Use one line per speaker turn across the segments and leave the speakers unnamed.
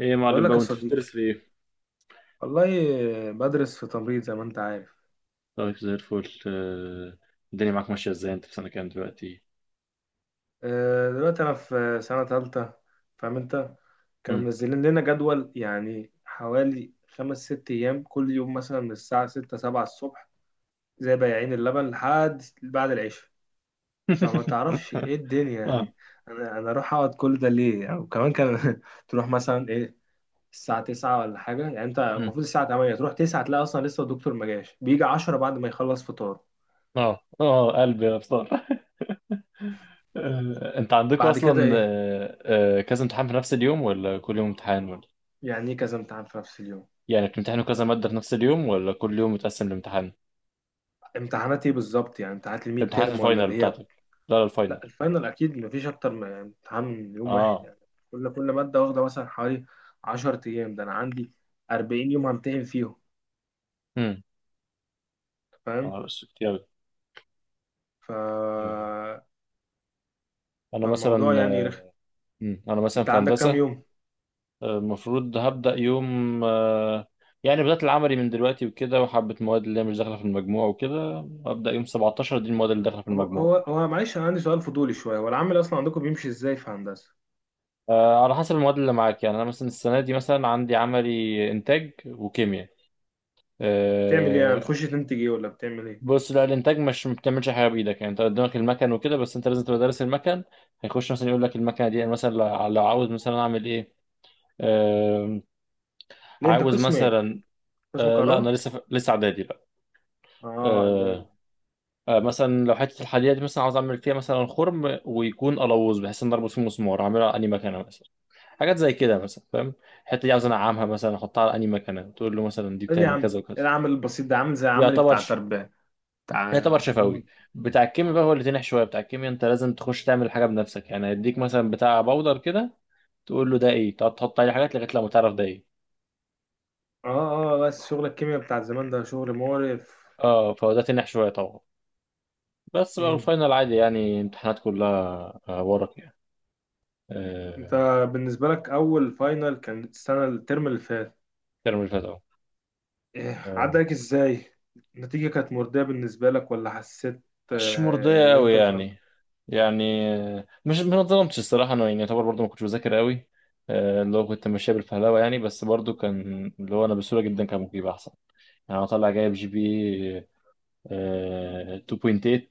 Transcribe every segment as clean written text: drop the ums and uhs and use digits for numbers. ايه يا
بقول
معلم
لك
بقى
يا
وانت
صديقي،
بتدرس في ايه؟
والله بدرس في تمريض زي ما انت عارف.
طيب زي الفل. الدنيا معاك ماشية ازاي انت في سنة كام دلوقتي؟
دلوقتي انا في سنة تالتة. فاهم انت؟ كانوا
مم.
منزلين لنا جدول، يعني حوالي خمس ست ايام، كل يوم مثلا من الساعة ستة سبعة الصبح، زي بياعين اللبن لحد بعد العشاء. فما تعرفش ايه الدنيا
اه.
يعني. انا اروح اقعد كل ده ليه يعني؟ وكمان كان تروح مثلا ايه الساعة تسعة ولا حاجة، يعني انت
مم.
المفروض الساعة تمانية تروح، تسعة تلاقي اصلا لسه الدكتور ما جاش، بيجي عشرة بعد ما يخلص فطار.
اه، اه، قلبي يا بصار. انت عندكم
بعد كده
اصلا
إيه؟
كذا امتحان في نفس اليوم ولا كل يوم امتحان ولا؟
يعني ايه كذا امتحان في نفس اليوم؟
يعني بتمتحنوا كذا مادة في نفس اليوم ولا كل يوم متقسم لامتحان؟
امتحانات ايه بالظبط؟ يعني امتحانات الميد
امتحانات
تيرم ولا
الفاينل
اللي هي...
بتاعتك. لا، لا، الفاينل.
لا الفاينل اكيد مفيش اكتر من امتحان من يوم واحد
اه.
يعني. كل ماده واخده مثلا حوالي 10 ايام. ده انا عندي 40 يوم همتحن فيهم.
امم.
فاهم؟
اه، بس كتير أوي.
ف
آه، انا
فالموضوع
مثلا.
يعني رخم.
مم. انا مثلا
انت
في
عندك كام
هندسة.
يوم؟
المفروض هبدأ يوم. يعني بدأت العملي من دلوقتي وكده، وحبة مواد اللي هي مش داخلة في المجموع وكده. هبدأ يوم 17 دي المواد اللي داخلة في
هو
المجموع.
هو هو معلش انا عندي سؤال فضولي شويه، هو العمل اصلا عندكم بيمشي ازاي في هندسه؟
على حسب المواد اللي معاك، يعني أنا مثلا السنة دي مثلا عندي عملي إنتاج وكيمياء.
بتعمل ايه يعني؟ بتخش
آه،
تنتج ايه ولا بتعمل ايه؟
بص لا الإنتاج مش ما بتعملش حاجة بإيدك، يعني أنت قدامك المكن وكده، بس أنت لازم تبقى دارس المكن. هيخش مثلا يقول لك المكنة دي، أنا مثلا لو عاوز مثلا أعمل إيه. آه،
ليه انت
عاوز
قسم ايه؟
مثلا.
قسم
لا أنا
كهرباء؟
لسه إعدادي بقى.
اه ده...
آه، مثلا لو حته الحديده دي مثلا عاوز اعمل فيها مثلا خرم ويكون قلوز، بحيث ان اربط فيه مسمار، اعملها اني مكانه مثلا. حاجات زي كده مثلا، فاهم. الحته دي عاوز انعمها مثلا، احطها على اني مكانه، تقول له مثلا دي
طيب يا
بتعمل
عم، ايه
كذا وكذا.
العمل البسيط ده؟ عامل زي عملي
يعتبر
بتاع
ش...
تربية، بتاع
يعتبر
اللي هم...
شفوي. بتاع الكيمياء بقى
اه،
هو اللي تنح شويه، بتاع الكيمياء انت لازم تخش تعمل حاجه بنفسك، يعني هيديك مثلا بتاع باودر كده، تقول له ده ايه، تقعد تحط عليه حاجات لغايه لما تعرف ده ايه.
اه. بس شغل الكيمياء بتاع زمان ده شغل مقرف.
اه، فهو ده تنح شويه طبعا. بس بقى
مم.
الفاينل عادي، يعني امتحانات كلها ورق يعني.
انت
آه،
بالنسبة لك اول فاينل كان السنة الترم اللي فات؟
الترم اللي فات اهو.
إيه عدى
آه،
لك ازاي؟ النتيجة كانت مرضية بالنسبة لك، ولا حسيت
مش مرضية
ان
أوي
انت اتظلمت؟
يعني. يعني، مش ما اتظلمتش الصراحة، أنا يعني يعتبر برضه ما كنتش بذاكر أوي. اللي هو كنت ماشية بالفهلوة يعني، بس برضه كان اللي هو أنا بسهولة جدا كان ممكن يبقى أحسن. يعني أنا طالع جايب GP 2.8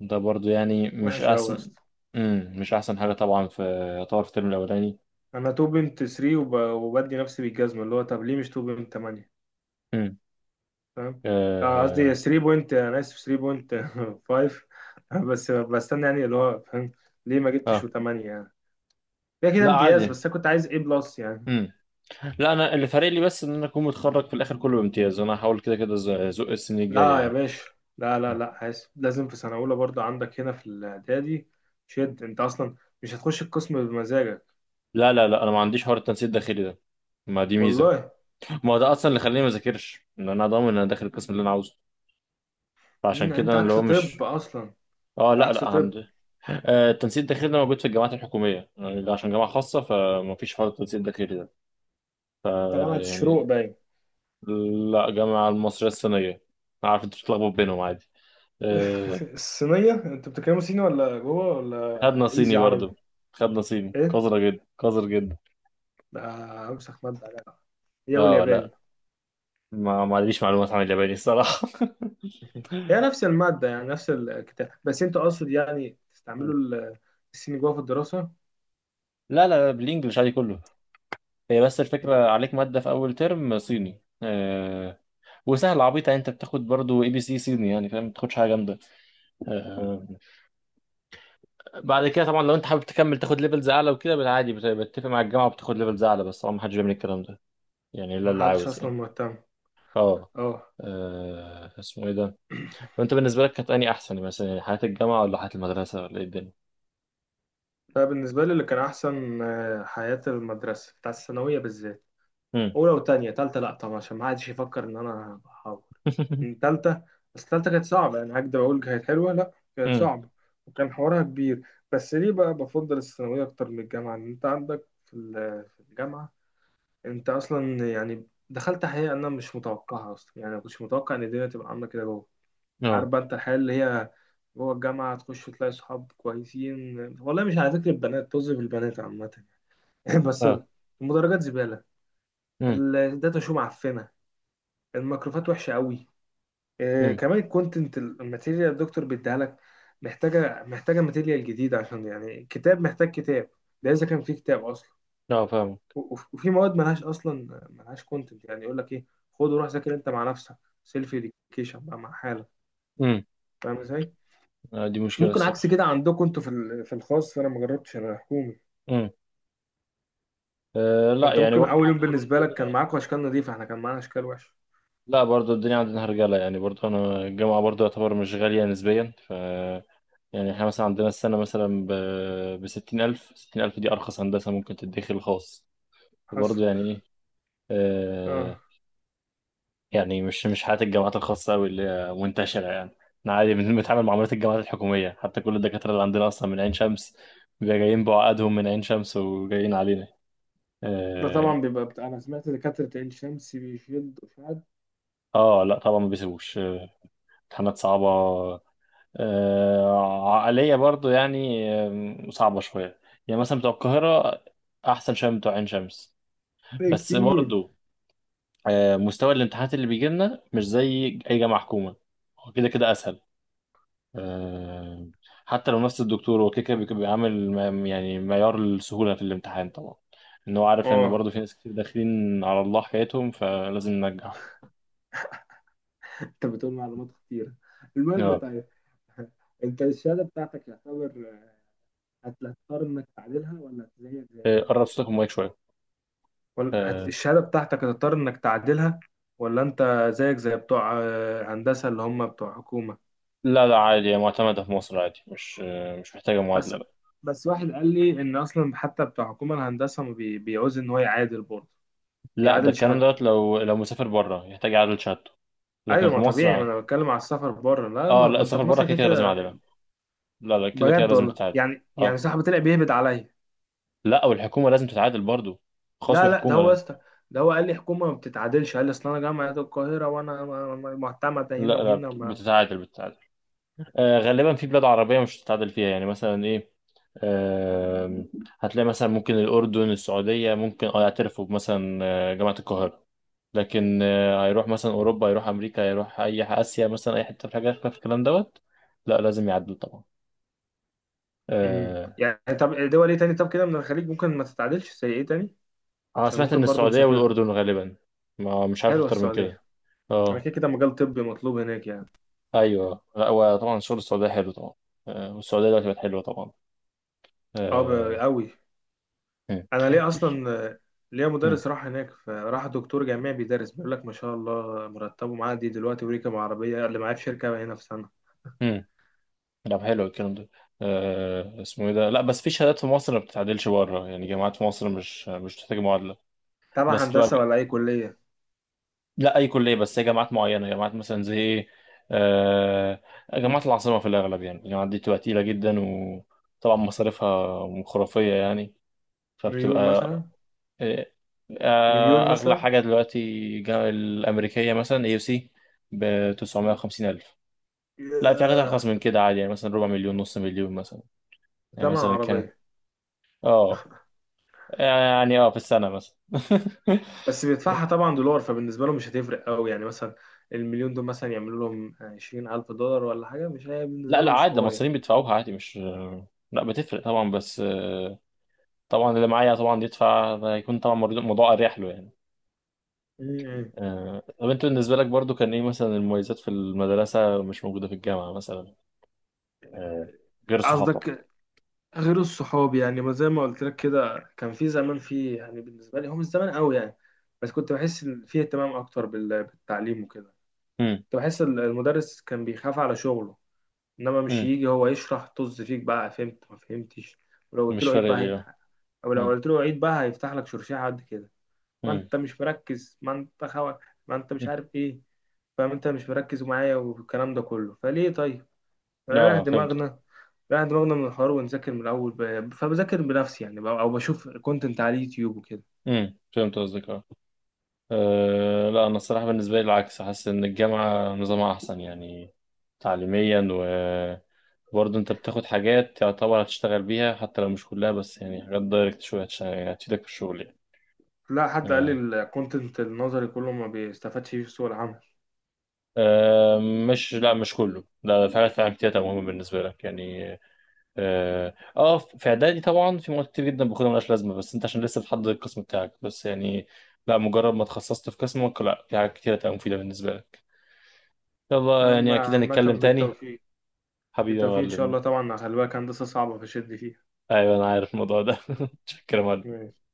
ده برضه يعني مش
وحش اوي يا
أحسن.
اسطى.
مم. مش أحسن حاجة طبعا، في يعتبر في الترم الأولاني.
انا تو بوينت 3، وبدي نفسي بالجزمة اللي هو طب ليه مش تو بوينت 8؟
مم.
فاهم؟ قصدي
آه.
3 بوينت، انا اسف، 3 بوينت 5. بس بستنى يعني اللي هو فاهم، ليه ما جبتش
آه.
و8 يعني. كده كده
لا
امتياز،
عادي.
بس انا كنت عايز ايه بلس يعني.
مم. لا، أنا اللي فارق لي بس إن أنا أكون متخرج في الآخر كله بامتياز، وأنا هحاول كده كده أزق السنين الجاية
لا يا
يعني.
باشا، لا لا لا، عايز لازم في سنه اولى برضو عندك هنا في الاعدادي. شد انت اصلا، مش هتخش القسم بمزاجك.
لا، لا، لا، انا ما عنديش حوار التنسيق الداخلي ده، ما دي ميزه.
والله.
ما هو ده اصلا اللي خليني ما اذاكرش، ان انا ضامن ان انا داخل القسم اللي انا عاوزه، فعشان
إن
كده
انت
انا اللي
عكس
هو
طب
مش.
اصلا،
اه،
انت
لا،
عكس
لا،
طب انت.
عندي. التنسيق الداخلي ده موجود في الجامعات الحكوميه، يعني ده عشان جامعه خاصه فما فيش حوار التنسيق الداخلي ده.
جامعه الشروق
يعني
باين.
لا، جامعه المصريه الصينيه. عارف انت بتتلخبط بينهم عادي. آه.
الصينيه انت بتتكلموا صيني ولا جوه ولا
خدنا صيني
ايزي عربي؟
برضه، خدنا صيني
ايه
قذره جدا، قذر جدا.
ده؟ امسخ ماده عليها. هي
اه، لا،
والياباني
ما عنديش معلومات عن الياباني الصراحه.
هي نفس الماده يعني، نفس الكتاب، بس انت اقصد يعني تستعملوا الصيني جوه في الدراسه.
لا، لا، لا، بالانجلش عادي كله. هي بس
مم.
الفكرة عليك مادة في أول ترم صيني. وسهلة عبيطة يعني، أنت بتاخد برضو ABC صيني يعني فاهم، ما بتاخدش حاجة جامدة. آه. بعد كده طبعا لو أنت حابب تكمل تاخد ليفلز أعلى وكده بالعادي، بتتفق مع الجامعة وبتاخد ليفلز أعلى، بس طبعا ما حدش بيعمل الكلام ده، يعني إلا
ما
اللي
حدش
عاوز
اصلا
يعني.
مهتم.
أه.
اه.
اسمه إيه ده؟ طب أنت بالنسبة لك كانت أني أحسن مثلا يعني، حياة الجامعة ولا حياة المدرسة ولا إيه الدنيا؟
فبالنسبة لي اللي كان أحسن حياة المدرسة، بتاع الثانوية بالذات.
أمم.
أولى وتانية، تالتة لأ طبعا، عشان ما حدش يفكر إن أنا بحاول من تالتة. بس تالتة كانت صعبة يعني، هكدب أقول كانت حلوة؟ لأ كانت
أمم.
صعبة وكان حوارها كبير. بس ليه بقى بفضل الثانوية أكتر من الجامعة؟ إن أنت عندك في في الجامعة، أنت أصلا يعني دخلت، حقيقة أنا مش متوقعها أصلا يعني، ما كنتش متوقع إن الدنيا تبقى عاملة كده جوه.
أه.
عارف بقى انت الحياة اللي هي جوه الجامعة؟ تخش تلاقي صحاب كويسين، والله مش على ذكر البنات، طز في البنات عامة. بس
أه.
المدرجات زبالة،
أمم.
الداتا شو معفنة، الميكروفات وحشة قوي. آه،
أمم.
كمان الكونتنت، الماتيريال الدكتور بيديها لك محتاجة ماتيريال جديدة، عشان يعني كتاب، محتاج كتاب. ده إذا كان في كتاب أصلا.
أه، فاهم.
وفي مواد ملهاش أصلا، ملهاش كونتنت يعني. يقول لك إيه؟ خد وروح ذاكر أنت مع نفسك، سيلف إديوكيشن بقى مع حالك.
أمم.
فاهم إزاي؟
دي مشكلة
ممكن عكس
الصراحة.
كده عندكم انتوا في في الخاص، فانا ما جربتش، انا حكومي.
أه، لا،
فانت
يعني
ممكن
برضو
اول يوم
عندنا برضو
بالنسبه لك
الدنيا.
كان معاكم اشكال نظيفه، احنا كان معانا اشكال وحشه.
لا، برضو الدنيا عندنا هرجلة يعني، برضو أنا الجامعة برضو يعتبر مش غالية نسبيا، ف يعني احنا مثلا عندنا السنة مثلا ب، بستين ألف 60 ألف، دي أرخص هندسة ممكن تدخل خاص.
حصل.
برضو يعني إيه.
اه
أه. يعني مش حياة الجامعات الخاصة أوي اللي هي منتشرة يعني. احنا عادي بنتعامل مع معاملات الجامعات الحكومية، حتى كل الدكاترة اللي عندنا أصلا من عين شمس، بيبقوا جايين بعقدهم من عين شمس وجايين علينا.
ده
اه.
طبعا بيبقى بتاع، انا سمعت دكاتره عين شمس بيشدوا في حد.
لا طبعا ما بيسيبوش. امتحانات صعبة. عقلية برضو يعني، صعبة شوية. يعني مثلا بتوع القاهرة أحسن شوية من بتوع عين شمس، بس
كتير.
برضو مستوى الامتحانات اللي بيجي لنا مش زي أي جامعة حكومة. هو كده كده أسهل. آه، حتى لو نفس الدكتور هو كده كده بيعمل يعني معيار السهولة في الامتحان طبعا. إن هو عارف إن
اه.
برضو في ناس كتير داخلين على الله حكايتهم، فلازم ننجحهم.
انت بتقول معلومات كتيره. المهم،
آه،
طيب. انت الشهاده بتاعتك يعتبر هتضطر انك تعدلها، ولا زيك زي بتوع...
قرب صوتك من المايك شوية.
ولا
آه،
الشهاده بتاعتك هتضطر انك تعدلها؟ ولا انت زيك زي بتوع هندسه اللي هم بتوع حكومه؟
لا لا، عادي هي معتمدة في مصر عادي، مش محتاجة
بس
معادلة.
واحد قال لي ان اصلا حتى بتاع حكومه الهندسه ما بيعوز ان هو يعادل برضه.
لا ده
يعادل
الكلام
شهادته.
دوت، لو مسافر بره يحتاج يعادل شهادته، لكن
ايوه
في
ما
مصر
طبيعي، ما
عادي.
انا بتكلم على السفر بره، لا
اه،
ما
لا،
ما انت
السفر
في
بره
مصر
كده
كده
كده لازم
كده.
اعادلها. لا، لا، كده كده
بجد
لازم
والله،
تتعادل.
يعني يعني
اه.
صاحبي طلع بيهبد عليا.
لا، والحكومه لازم تتعادل برضو، خاص
لا لا، ده
وحكومه،
هو يا
لا.
اسطى، ده هو قال لي حكومه ما بتتعادلش. قال لي اصل انا جامعه القاهره وانا معتمده
لا،
هنا
لا،
وهنا ما...
بتتعادل بتتعادل. آه، غالبا في بلاد عربيه مش هتتعادل فيها، يعني مثلا ايه. آه هتلاقي مثلا ممكن الاردن السعوديه ممكن، اه يعترفوا مثلا جامعه القاهره. لكن هيروح مثلا اوروبا، هيروح امريكا، هيروح اي اسيا مثلا اي حته في حاجه في الكلام دوت. لا، لازم يعدل طبعا.
امم.
آه،
يعني طب دول ايه تاني؟ طب كده من الخليج ممكن ما تتعادلش زي ايه تاني؟
أنا
عشان
سمعت إن
ممكن برضه
السعودية
نسافرها.
والأردن غالبا، ما مش عارف
حلوه
أكتر من
السعوديه.
كده.
انا
أه.
كده كده مجال طبي مطلوب هناك يعني.
أيوه، لا، هو طبعا شغل السعودية حلو طبعا. والسعودية دلوقتي بقت حلوة طبعا.
اه،
أه.
قوي.
مم.
انا ليه
في.
اصلا ليا
مم.
مدرس راح هناك، فراح دكتور جامعي بيدرس، بيقول لك ما شاء الله، مرتبه معدي دلوقتي وريكة عربيه اللي معاه في شركه هنا في سنه.
مم. لا، حلو الكلام ده. أه، اسمه إيه ده، لا بس في شهادات في مصر ما بتتعدلش بره يعني، جامعات في مصر مش بتحتاج معادلة.
تبع
بس تبقى
هندسه ولا اي كليه؟
لا أي كلية، بس هي جامعات معينة، جامعات مثلا زي إيه. أه. جامعات العاصمة في الأغلب يعني، الجامعات دي بتبقى تقيلة جدا، وطبعا مصاريفها خرافية يعني، فبتبقى
مليون مثلا؟
إيه.
مليون
أغلى
مثلا؟
حاجة دلوقتي، الأمريكية مثلا AUC ب 950 ألف. لا، في حاجات أرخص
ياه،
من كده عادي، يعني مثلا ربع مليون نص مليون مثلا. يعني
بتمن
مثلا كان
عربيه.
اه، يعني في السنة مثلا.
بس بيدفعها طبعا دولار، فبالنسبه له مش هتفرق قوي يعني. مثلا المليون دول مثلا يعملوا لهم 20,000 دولار ولا حاجة، مش هي
لا،
بالنسبة
لا،
له مش
عادي ده
حوار يعني.
المصريين بيدفعوها عادي، مش. لا، بتفرق طبعا بس. طبعا اللي معايا طبعا يدفع ده هيكون طبعا، الموضوع أريح له يعني.
م- م.
طب انت بالنسبة لك برضو كان ايه مثلا المميزات في المدرسة مش موجودة في الجامعة مثلا، آه، غير الصحاب طبعا.
قصدك غير الصحاب؟ يعني ما زي ما قلت لك كده، كان في زمان، في يعني بالنسبه لي هو مش زمان قوي يعني، بس كنت بحس ان في اهتمام اكتر بالتعليم وكده. كنت بحس المدرس كان بيخاف على شغله، انما مش
مم.
يجي هو يشرح طز فيك بقى، فهمت ما فهمتش. ولو قلت
مش
له عيد
فارق
بقى
لي
هي...
اه.
او لو
مم.
قلت له عيد بقى هيفتح لك شرشيحه قد كده. ما
مم.
انت مش مركز، ما انت خوا، ما انت مش
مم.
عارف ايه. فاهم انت مش مركز معايا، والكلام ده كله فليه طيب؟ رايح
اه، فهمت.
دماغنا، رايح دماغنا من الحوار، ونذاكر من الأول فبذاكر بنفسي يعني، أو بشوف كونتنت على اليوتيوب وكده.
مم. فهمت قصدك اه. لا انا الصراحه بالنسبه لي العكس، حاسس ان الجامعه نظامها احسن يعني تعليميا، وبرضه انت بتاخد حاجات يعتبر هتشتغل بيها حتى لو مش كلها، بس يعني حاجات دايركت شويه هتفيدك في الشغل يعني.
لا حد قال لي
آه.
الكونتنت النظري كله ما بيستفادش فيه في سوق العمل.
آه، مش لا، مش كله، لا، في حاجات فعلا كتير مهمه بالنسبه لك يعني. اه في اعدادي طبعا في مواد كتير جدا باخدها ملهاش لازمه، بس انت عشان لسه بتحدد القسم بتاعك بس يعني. لا، مجرد ما اتخصصت في قسمك، لا، في حاجات كتير هتبقى مفيده بالنسبه لك. يلا يعني
أما
اكيد
عامة
هنتكلم تاني.
بالتوفيق.
حبيبي يا
بالتوفيق إن شاء
معلم.
الله، طبعا خلي بالك هندسة صعبة فشد فيها.
ايوه انا عارف الموضوع ده. شكرا يا معلم.
ماشي